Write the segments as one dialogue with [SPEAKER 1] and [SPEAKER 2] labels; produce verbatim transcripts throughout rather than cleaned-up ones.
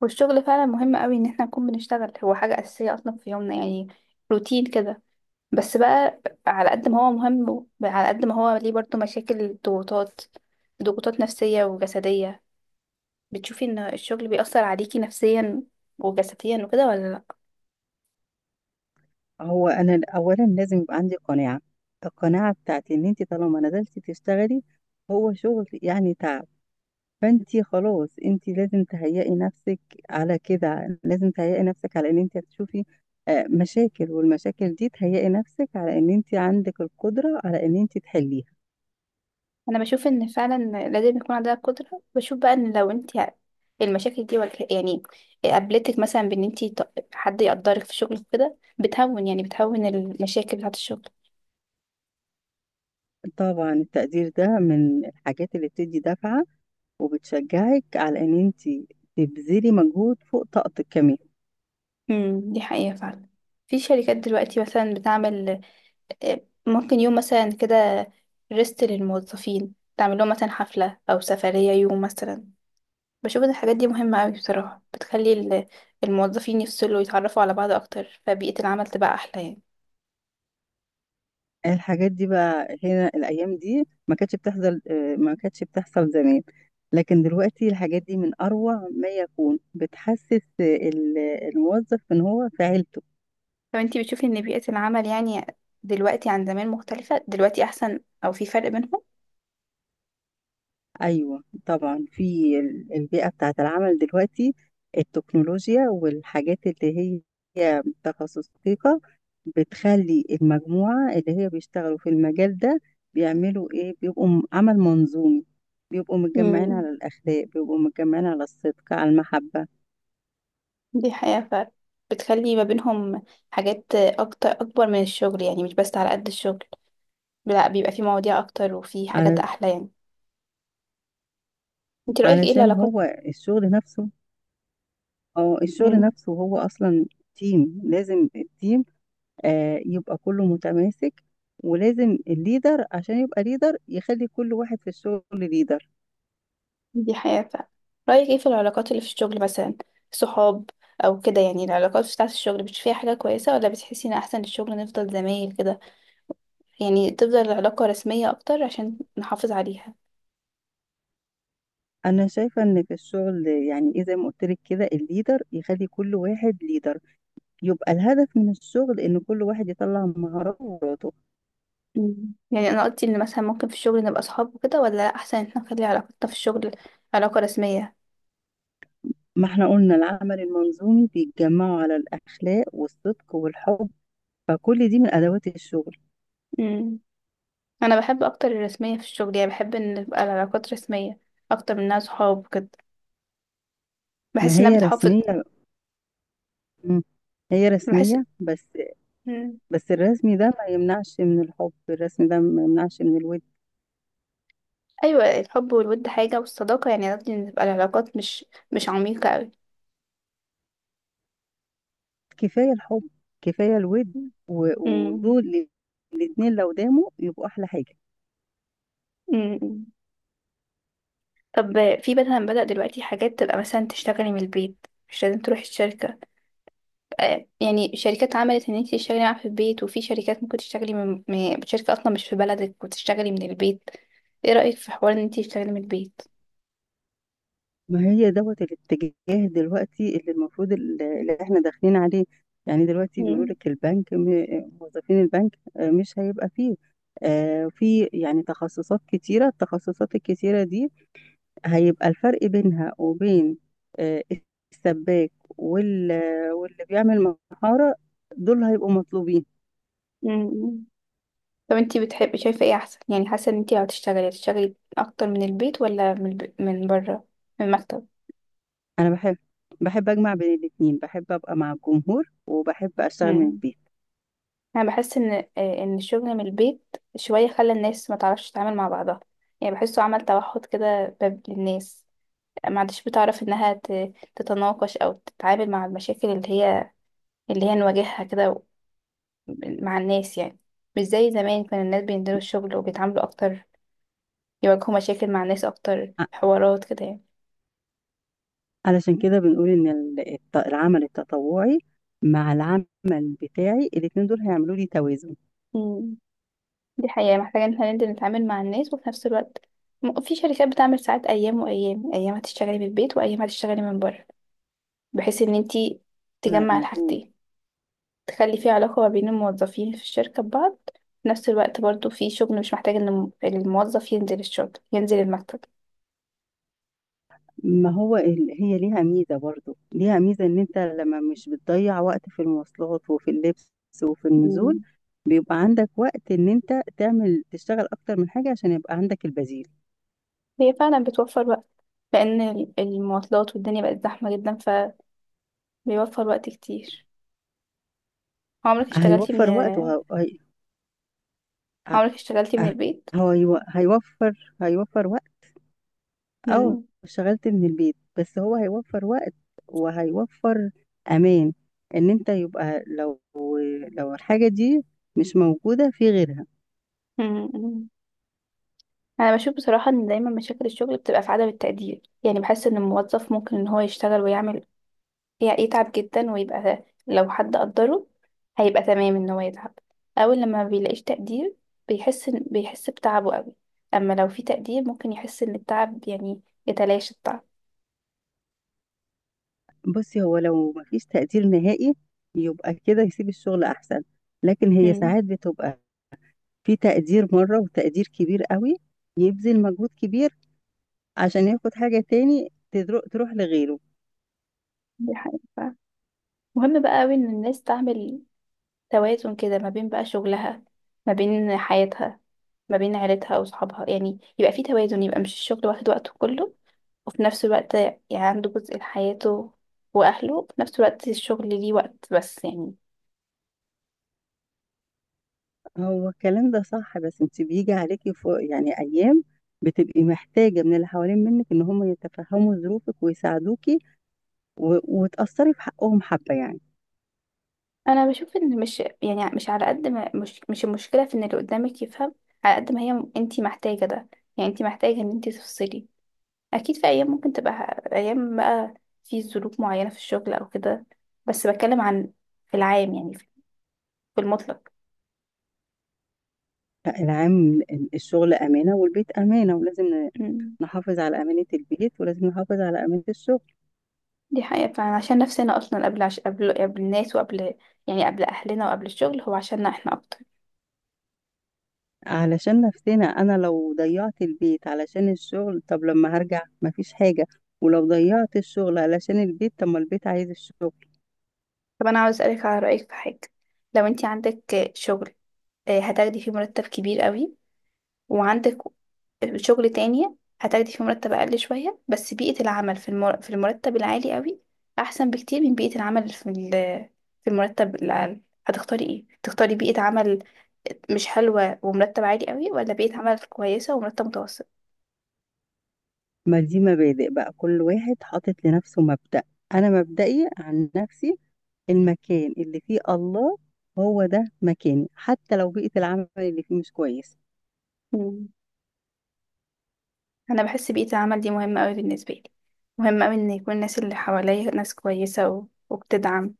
[SPEAKER 1] والشغل فعلا مهم قوي ان احنا نكون بنشتغل، هو حاجة أساسية اصلا في يومنا يعني روتين كده. بس بقى على قد ما هو مهم على قد ما هو ليه برضه مشاكل، ضغوطات ضغوطات نفسية وجسدية. بتشوفي ان الشغل بيأثر عليكي نفسيا وجسديا وكده ولا لا؟
[SPEAKER 2] هو انا اولا لازم يبقى عندي قناعه. القناعه بتاعتي ان انت طالما نزلتي تشتغلي، هو شغل يعني تعب، فانت خلاص انت لازم تهيئي نفسك على كده، لازم تهيئي نفسك على ان انت هتشوفي آه، مشاكل، والمشاكل دي تهيئي نفسك على ان انت عندك القدره على ان انت تحليها.
[SPEAKER 1] انا بشوف ان فعلا لازم يكون عندها قدرة. بشوف بقى ان لو انت المشاكل دي والك- يعني قابلتك مثلا بان انت حد يقدرك في شغلك كده بتهون، يعني بتهون المشاكل بتاعت الشغل.
[SPEAKER 2] طبعا التقدير ده من الحاجات اللي بتدي دفعه وبتشجعك على ان انت تبذلي مجهود فوق طاقتك كمان.
[SPEAKER 1] امم دي حقيقة فعلا. في شركات دلوقتي مثلا بتعمل آه، ممكن يوم مثلا كده ريست للموظفين، تعمل لهم مثلا حفلة أو سفرية يوم مثلا. بشوف إن الحاجات دي مهمة أوي بصراحة، بتخلي ال- الموظفين يفصلوا ويتعرفوا على بعض أكتر، فبيئة العمل تبقى أحلى يعني.
[SPEAKER 2] الحاجات دي بقى هنا الأيام دي ما كانتش بتحصل آه، ما كانتش بتحصل زمان، لكن دلوقتي الحاجات دي من أروع ما يكون، بتحسس آه، ال- الموظف إن هو في عيلته.
[SPEAKER 1] لو أنتي بتشوفي إن بيئة العمل يعني دلوقتي عن زمان مختلفة، دلوقتي أحسن أو في فرق بينهم؟
[SPEAKER 2] أيوة طبعا، في ال- البيئة بتاعة العمل دلوقتي، التكنولوجيا والحاجات اللي هي تخصص دقيقة بتخلي المجموعة اللي هي بيشتغلوا في المجال ده بيعملوا إيه، بيبقوا م- عمل منظومي، بيبقوا متجمعين
[SPEAKER 1] امم
[SPEAKER 2] على الأخلاق، بيبقوا متجمعين على الصدق على المحبة.
[SPEAKER 1] دي حقيقة فعلا. بتخلي ما بينهم حاجات أكتر، أكبر من الشغل يعني، مش بس على قد الشغل، لا بيبقى في مواضيع اكتر وفي حاجات
[SPEAKER 2] على
[SPEAKER 1] احلى يعني. انت رأيك ايه
[SPEAKER 2] علشان
[SPEAKER 1] العلاقات؟
[SPEAKER 2] هو الشغل نفسه، اه الشغل
[SPEAKER 1] مم،
[SPEAKER 2] نفسه هو أصلا تيم، لازم التيم آه، يبقى كله متماسك، ولازم الليدر عشان يبقى ليدر يخلي كل واحد في الشغل ليدر.
[SPEAKER 1] دي حياة فعلا. رأيك ايه في العلاقات اللي في الشغل مثلا؟ صحاب او كده يعني العلاقات بتاعة الشغل بتشوفيها فيها حاجة كويسة، ولا بتحسي ان احسن الشغل نفضل زمايل كده يعني، تفضل العلاقة رسمية اكتر عشان نحافظ عليها؟
[SPEAKER 2] انا شايفة ان في الشغل يعني ايه، زي ما قلت لك كده، الليدر يخلي كل واحد ليدر، يبقى الهدف من الشغل ان كل واحد يطلع مهاراته وقدراته.
[SPEAKER 1] مم. يعني انا قلت ان مثلا ممكن في الشغل نبقى صحاب وكده، ولا احسن ان احنا نخلي علاقتنا في الشغل علاقة رسمية؟
[SPEAKER 2] ما احنا قلنا العمل المنظومي بيتجمعوا على الاخلاق والصدق والحب، فكل دي من ادوات الشغل.
[SPEAKER 1] مم. انا بحب اكتر الرسمية في الشغل، يعني بحب ان تبقى العلاقات رسمية اكتر من انها صحاب وكده.
[SPEAKER 2] ما
[SPEAKER 1] بحس انها
[SPEAKER 2] هي
[SPEAKER 1] بتحافظ.
[SPEAKER 2] رسمية. مم. هي
[SPEAKER 1] بحس
[SPEAKER 2] رسمية بس.
[SPEAKER 1] مم.
[SPEAKER 2] بس الرسمي ده ما يمنعش من الحب، الرسمي ده ما يمنعش من الود.
[SPEAKER 1] ايوه الحب والود حاجه، والصداقه يعني قصدي ان تبقى العلاقات مش مش عميقه قوي.
[SPEAKER 2] كفاية الحب، كفاية الود، و-
[SPEAKER 1] مم.
[SPEAKER 2] ودول الاتنين لو داموا يبقوا أحلى حاجة.
[SPEAKER 1] مم. طب في مثلا بدأ دلوقتي حاجات تبقى مثلا تشتغلي من البيت، مش لازم تروحي الشركة. آه، يعني شركات عملت ان انت تشتغلي معاها في البيت، وفي شركات ممكن تشتغلي من من- شركة اصلا مش في بلدك وتشتغلي من البيت. ايه رأيك في حوار ان انت تشتغلي من البيت؟
[SPEAKER 2] ما هي دوت الاتجاه دلوقتي اللي المفروض ال- اللي احنا داخلين عليه، يعني دلوقتي بيقولوا
[SPEAKER 1] مم.
[SPEAKER 2] لك البنك م- موظفين البنك آه، مش هيبقى فيه، آه، في يعني تخصصات كتيرة، التخصصات الكتيرة دي هيبقى الفرق بينها وبين آه، السباك وال- واللي بيعمل محارة دول هيبقوا مطلوبين.
[SPEAKER 1] مم. طب انتي بتحبي شايفة ايه احسن، يعني حاسة ان انتي لو هتشتغلي هتشتغلي اكتر من البيت ولا من الب... من بره، من المكتب؟
[SPEAKER 2] انا بحب بحب اجمع بين الاتنين، بحب ابقى مع الجمهور وبحب اشتغل من
[SPEAKER 1] مم.
[SPEAKER 2] البيت.
[SPEAKER 1] انا بحس ان آه، ان الشغل من البيت شوية خلى الناس ما تعرفش تتعامل مع بعضها. يعني بحسه عمل توحد كده باب للناس. ما عادش بتعرف انها ت... تتناقش او تتعامل مع المشاكل اللي هي اللي هي نواجهها كده و- مع الناس يعني. مش زي زمان كان الناس بينزلوا الشغل وبيتعاملوا اكتر، يواجهوا مشاكل مع الناس اكتر،
[SPEAKER 2] ع-
[SPEAKER 1] حوارات كده يعني.
[SPEAKER 2] علشان كده بنقول ان ال- الت- العمل التطوعي مع العمل بتاعي، الاتنين دول هيعملوا لي توازن.
[SPEAKER 1] مم. دي حقيقة محتاجة ان احنا ننزل نتعامل مع الناس، وفي نفس الوقت م- في شركات بتعمل ساعات، ايام وايام، ايام هتشتغلي من البيت وايام هتشتغلي من بره، بحيث ان انتي
[SPEAKER 2] انا
[SPEAKER 1] تجمع
[SPEAKER 2] موجود.
[SPEAKER 1] الحاجتين، تخلي في علاقة ما بين الموظفين في الشركة ببعض، في نفس الوقت برضو في شغل مش محتاج ان الم- الموظف ينزل الشغل، ينزل المكتب.
[SPEAKER 2] ما هو ال- هي ليها ميزة، برضو ليها ميزة، ان انت لما مش بتضيع وقت في المواصلات وفي اللبس وفي النزول،
[SPEAKER 1] مم.
[SPEAKER 2] بيبقى عندك وقت ان انت تعمل تشتغل اكتر من حاجة عشان يبقى عندك البديل.
[SPEAKER 1] هي فعلا بتوفر وقت، لان ال- المواصلات والدنيا بقت زحمة جدا، فبيوفر وقت كتير. عمرك اشتغلتي من
[SPEAKER 2] هيوفر وقت وهي
[SPEAKER 1] عمرك اشتغلتي من البيت؟
[SPEAKER 2] هو يو- هيوفر هيوفر وقت. اه
[SPEAKER 1] مم.
[SPEAKER 2] اشتغلت من البيت، بس هو هيوفر وقت، وهيوفر امان ان انت يبقى لو لو الحاجة دي مش موجودة في غيرها.
[SPEAKER 1] مم. انا بشوف بصراحه ان دايما مشاكل الشغل بتبقى في عدم التقدير. يعني بحس ان الموظف ممكن ان هو يشتغل ويعمل، يعني يتعب جدا، ويبقى لو حد قدره هيبقى تمام ان هو يتعب. اول لما ما بيلاقيش تقدير بيحس إن- بيحس بتعبه قوي. اما لو في تقدير ممكن يحس ان التعب يعني يتلاشى التعب.
[SPEAKER 2] بصي، هو لو مفيش تقدير نهائي يبقى كده يسيب الشغل احسن، لكن هي
[SPEAKER 1] امم
[SPEAKER 2] ساعات بتبقى في تقدير مرة وتقدير كبير قوي، يبذل مجهود كبير عشان ياخد حاجة تاني تدرو- تروح لغيره.
[SPEAKER 1] دي حقيقة. مهم بقى قوي ان الناس تعمل توازن كده، ما بين بقى شغلها، ما بين حياتها، ما بين عيلتها وصحابها، يعني يبقى في توازن، يبقى مش الشغل واخد وقته كله، وفي نفس الوقت يعني عنده جزء لحياته وأهله، وفي نفس الوقت الشغل ليه وقت بس يعني.
[SPEAKER 2] هو الكلام ده صح، بس انت بيجي عليكي فوق يعني ايام بتبقي محتاجة من اللي حوالين منك ان هم يتفهموا ظروفك ويساعدوكي، و... وتأثري في حقهم حبة يعني.
[SPEAKER 1] أنا بشوف إن مش، يعني مش على قد ما، مش مش المشكلة في إن اللي قدامك يفهم، على قد ما هي م- أنتي محتاجة ده. يعني أنتي محتاجة إن أنتي تفصلي. أكيد في أيام ممكن تبقى ه- أيام بقى في ظروف معينة في الشغل أو كده، بس بتكلم عن في العام يعني، في في المطلق.
[SPEAKER 2] لا، العام، ال- الشغل أمانة والبيت أمانة، ولازم ن-
[SPEAKER 1] مم.
[SPEAKER 2] نحافظ على أمانة البيت، ولازم نحافظ على أمانة الشغل.
[SPEAKER 1] دي حقيقة فعلا، عشان نفسنا أصلا قبل عش... قبل قبل الناس، وقبل يعني قبل أهلنا وقبل الشغل، هو عشاننا احنا أكتر.
[SPEAKER 2] علشان نفسنا، أنا لو ضيعت البيت علشان الشغل طب لما هرجع مفيش حاجة، ولو ضيعت الشغل علشان البيت طب ما البيت عايز الشغل.
[SPEAKER 1] طب أنا عاوز أسألك على رأيك في حاجة. لو أنت عندك شغل آه، هتاخدي فيه مرتب كبير قوي، وعندك شغل تاني هتاخدي فيه مرتب أقل شوية، بس بيئة العمل في المر... في المرتب العالي قوي أحسن بكتير من بيئة العمل في ال... في المرتب الأقل. هتختاري إيه؟ تختاري بيئة عمل مش حلوة ومرتب عالي قوي، ولا بيئة عمل كويسة ومرتب متوسط؟
[SPEAKER 2] ما دي مبادئ بقى، كل واحد حاطط لنفسه مبدأ، أنا مبدئي عن نفسي، المكان اللي فيه الله هو ده مكاني، حتى لو بيئة العمل اللي فيه مش كويس.
[SPEAKER 1] انا بحس بيئة العمل دي مهمة قوي بالنسبة لي. مهم قوي ان يكون الناس اللي حواليا ناس كويسة و... وبتدعم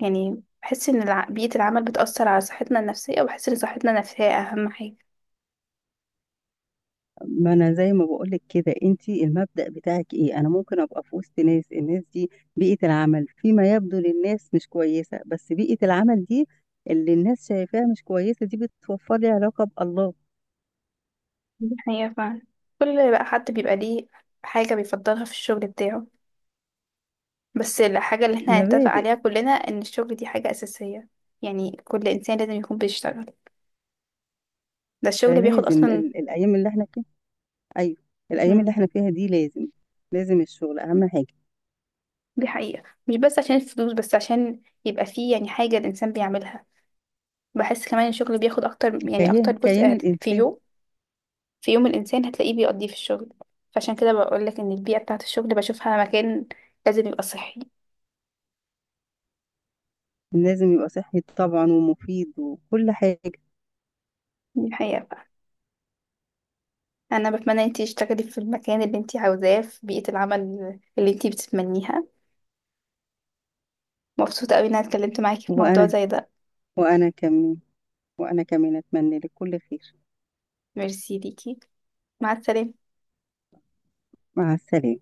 [SPEAKER 1] يعني. بحس ان الع... بيئة العمل بتأثر على صحتنا النفسية، وبحس ان صحتنا النفسية اهم حاجة.
[SPEAKER 2] ما أنا زي ما بقولك كده، أنتي المبدأ بتاعك إيه، أنا ممكن أبقى في وسط ناس، الناس دي بيئة العمل فيما يبدو للناس مش كويسة، بس بيئة العمل دي اللي الناس شايفاها مش كويسة دي بتوفر لي علاقة بالله.
[SPEAKER 1] دي حقيقة فعلا. كل بقى حد بيبقى ليه حاجة بيفضلها في الشغل بتاعه، بس الحاجة اللي احنا هنتفق
[SPEAKER 2] مبادئ.
[SPEAKER 1] عليها كلنا ان الشغل دي حاجة أساسية، يعني كل إنسان لازم يكون بيشتغل. ده
[SPEAKER 2] ده
[SPEAKER 1] الشغل بياخد
[SPEAKER 2] لازم
[SPEAKER 1] أصلا.
[SPEAKER 2] ال- الأيام اللي احنا ايوه، الايام اللي
[SPEAKER 1] مم،
[SPEAKER 2] احنا فيها دي لازم، لازم الشغل اهم حاجه.
[SPEAKER 1] دي حقيقة، مش بس عشان الفلوس، بس عشان يبقى فيه يعني حاجة الإنسان بيعملها. بحس كمان الشغل بياخد اكتر، يعني اكتر
[SPEAKER 2] كيان كيان
[SPEAKER 1] جزء هت- في
[SPEAKER 2] الانسان.
[SPEAKER 1] يوم في يوم الانسان هتلاقيه بيقضيه في الشغل. فعشان كده بقولك ان البيئة بتاعة الشغل بشوفها مكان لازم يبقى صحي.
[SPEAKER 2] لازم يبقى صحي طبعا، ومفيد وكل حاجه.
[SPEAKER 1] دي الحقيقة بقى. انا بتمنى انتي تشتغلي في المكان اللي انتي عاوزاه، في بيئة العمل اللي انتي بتتمنيها. مبسوطة قوي ان انا اتكلمت معاكي في موضوع
[SPEAKER 2] وانا
[SPEAKER 1] زي ده.
[SPEAKER 2] وانا كمان وانا كمان اتمنى لك كل خير.
[SPEAKER 1] ميرسي ليكي. مع السلامة.
[SPEAKER 2] مع السلامه.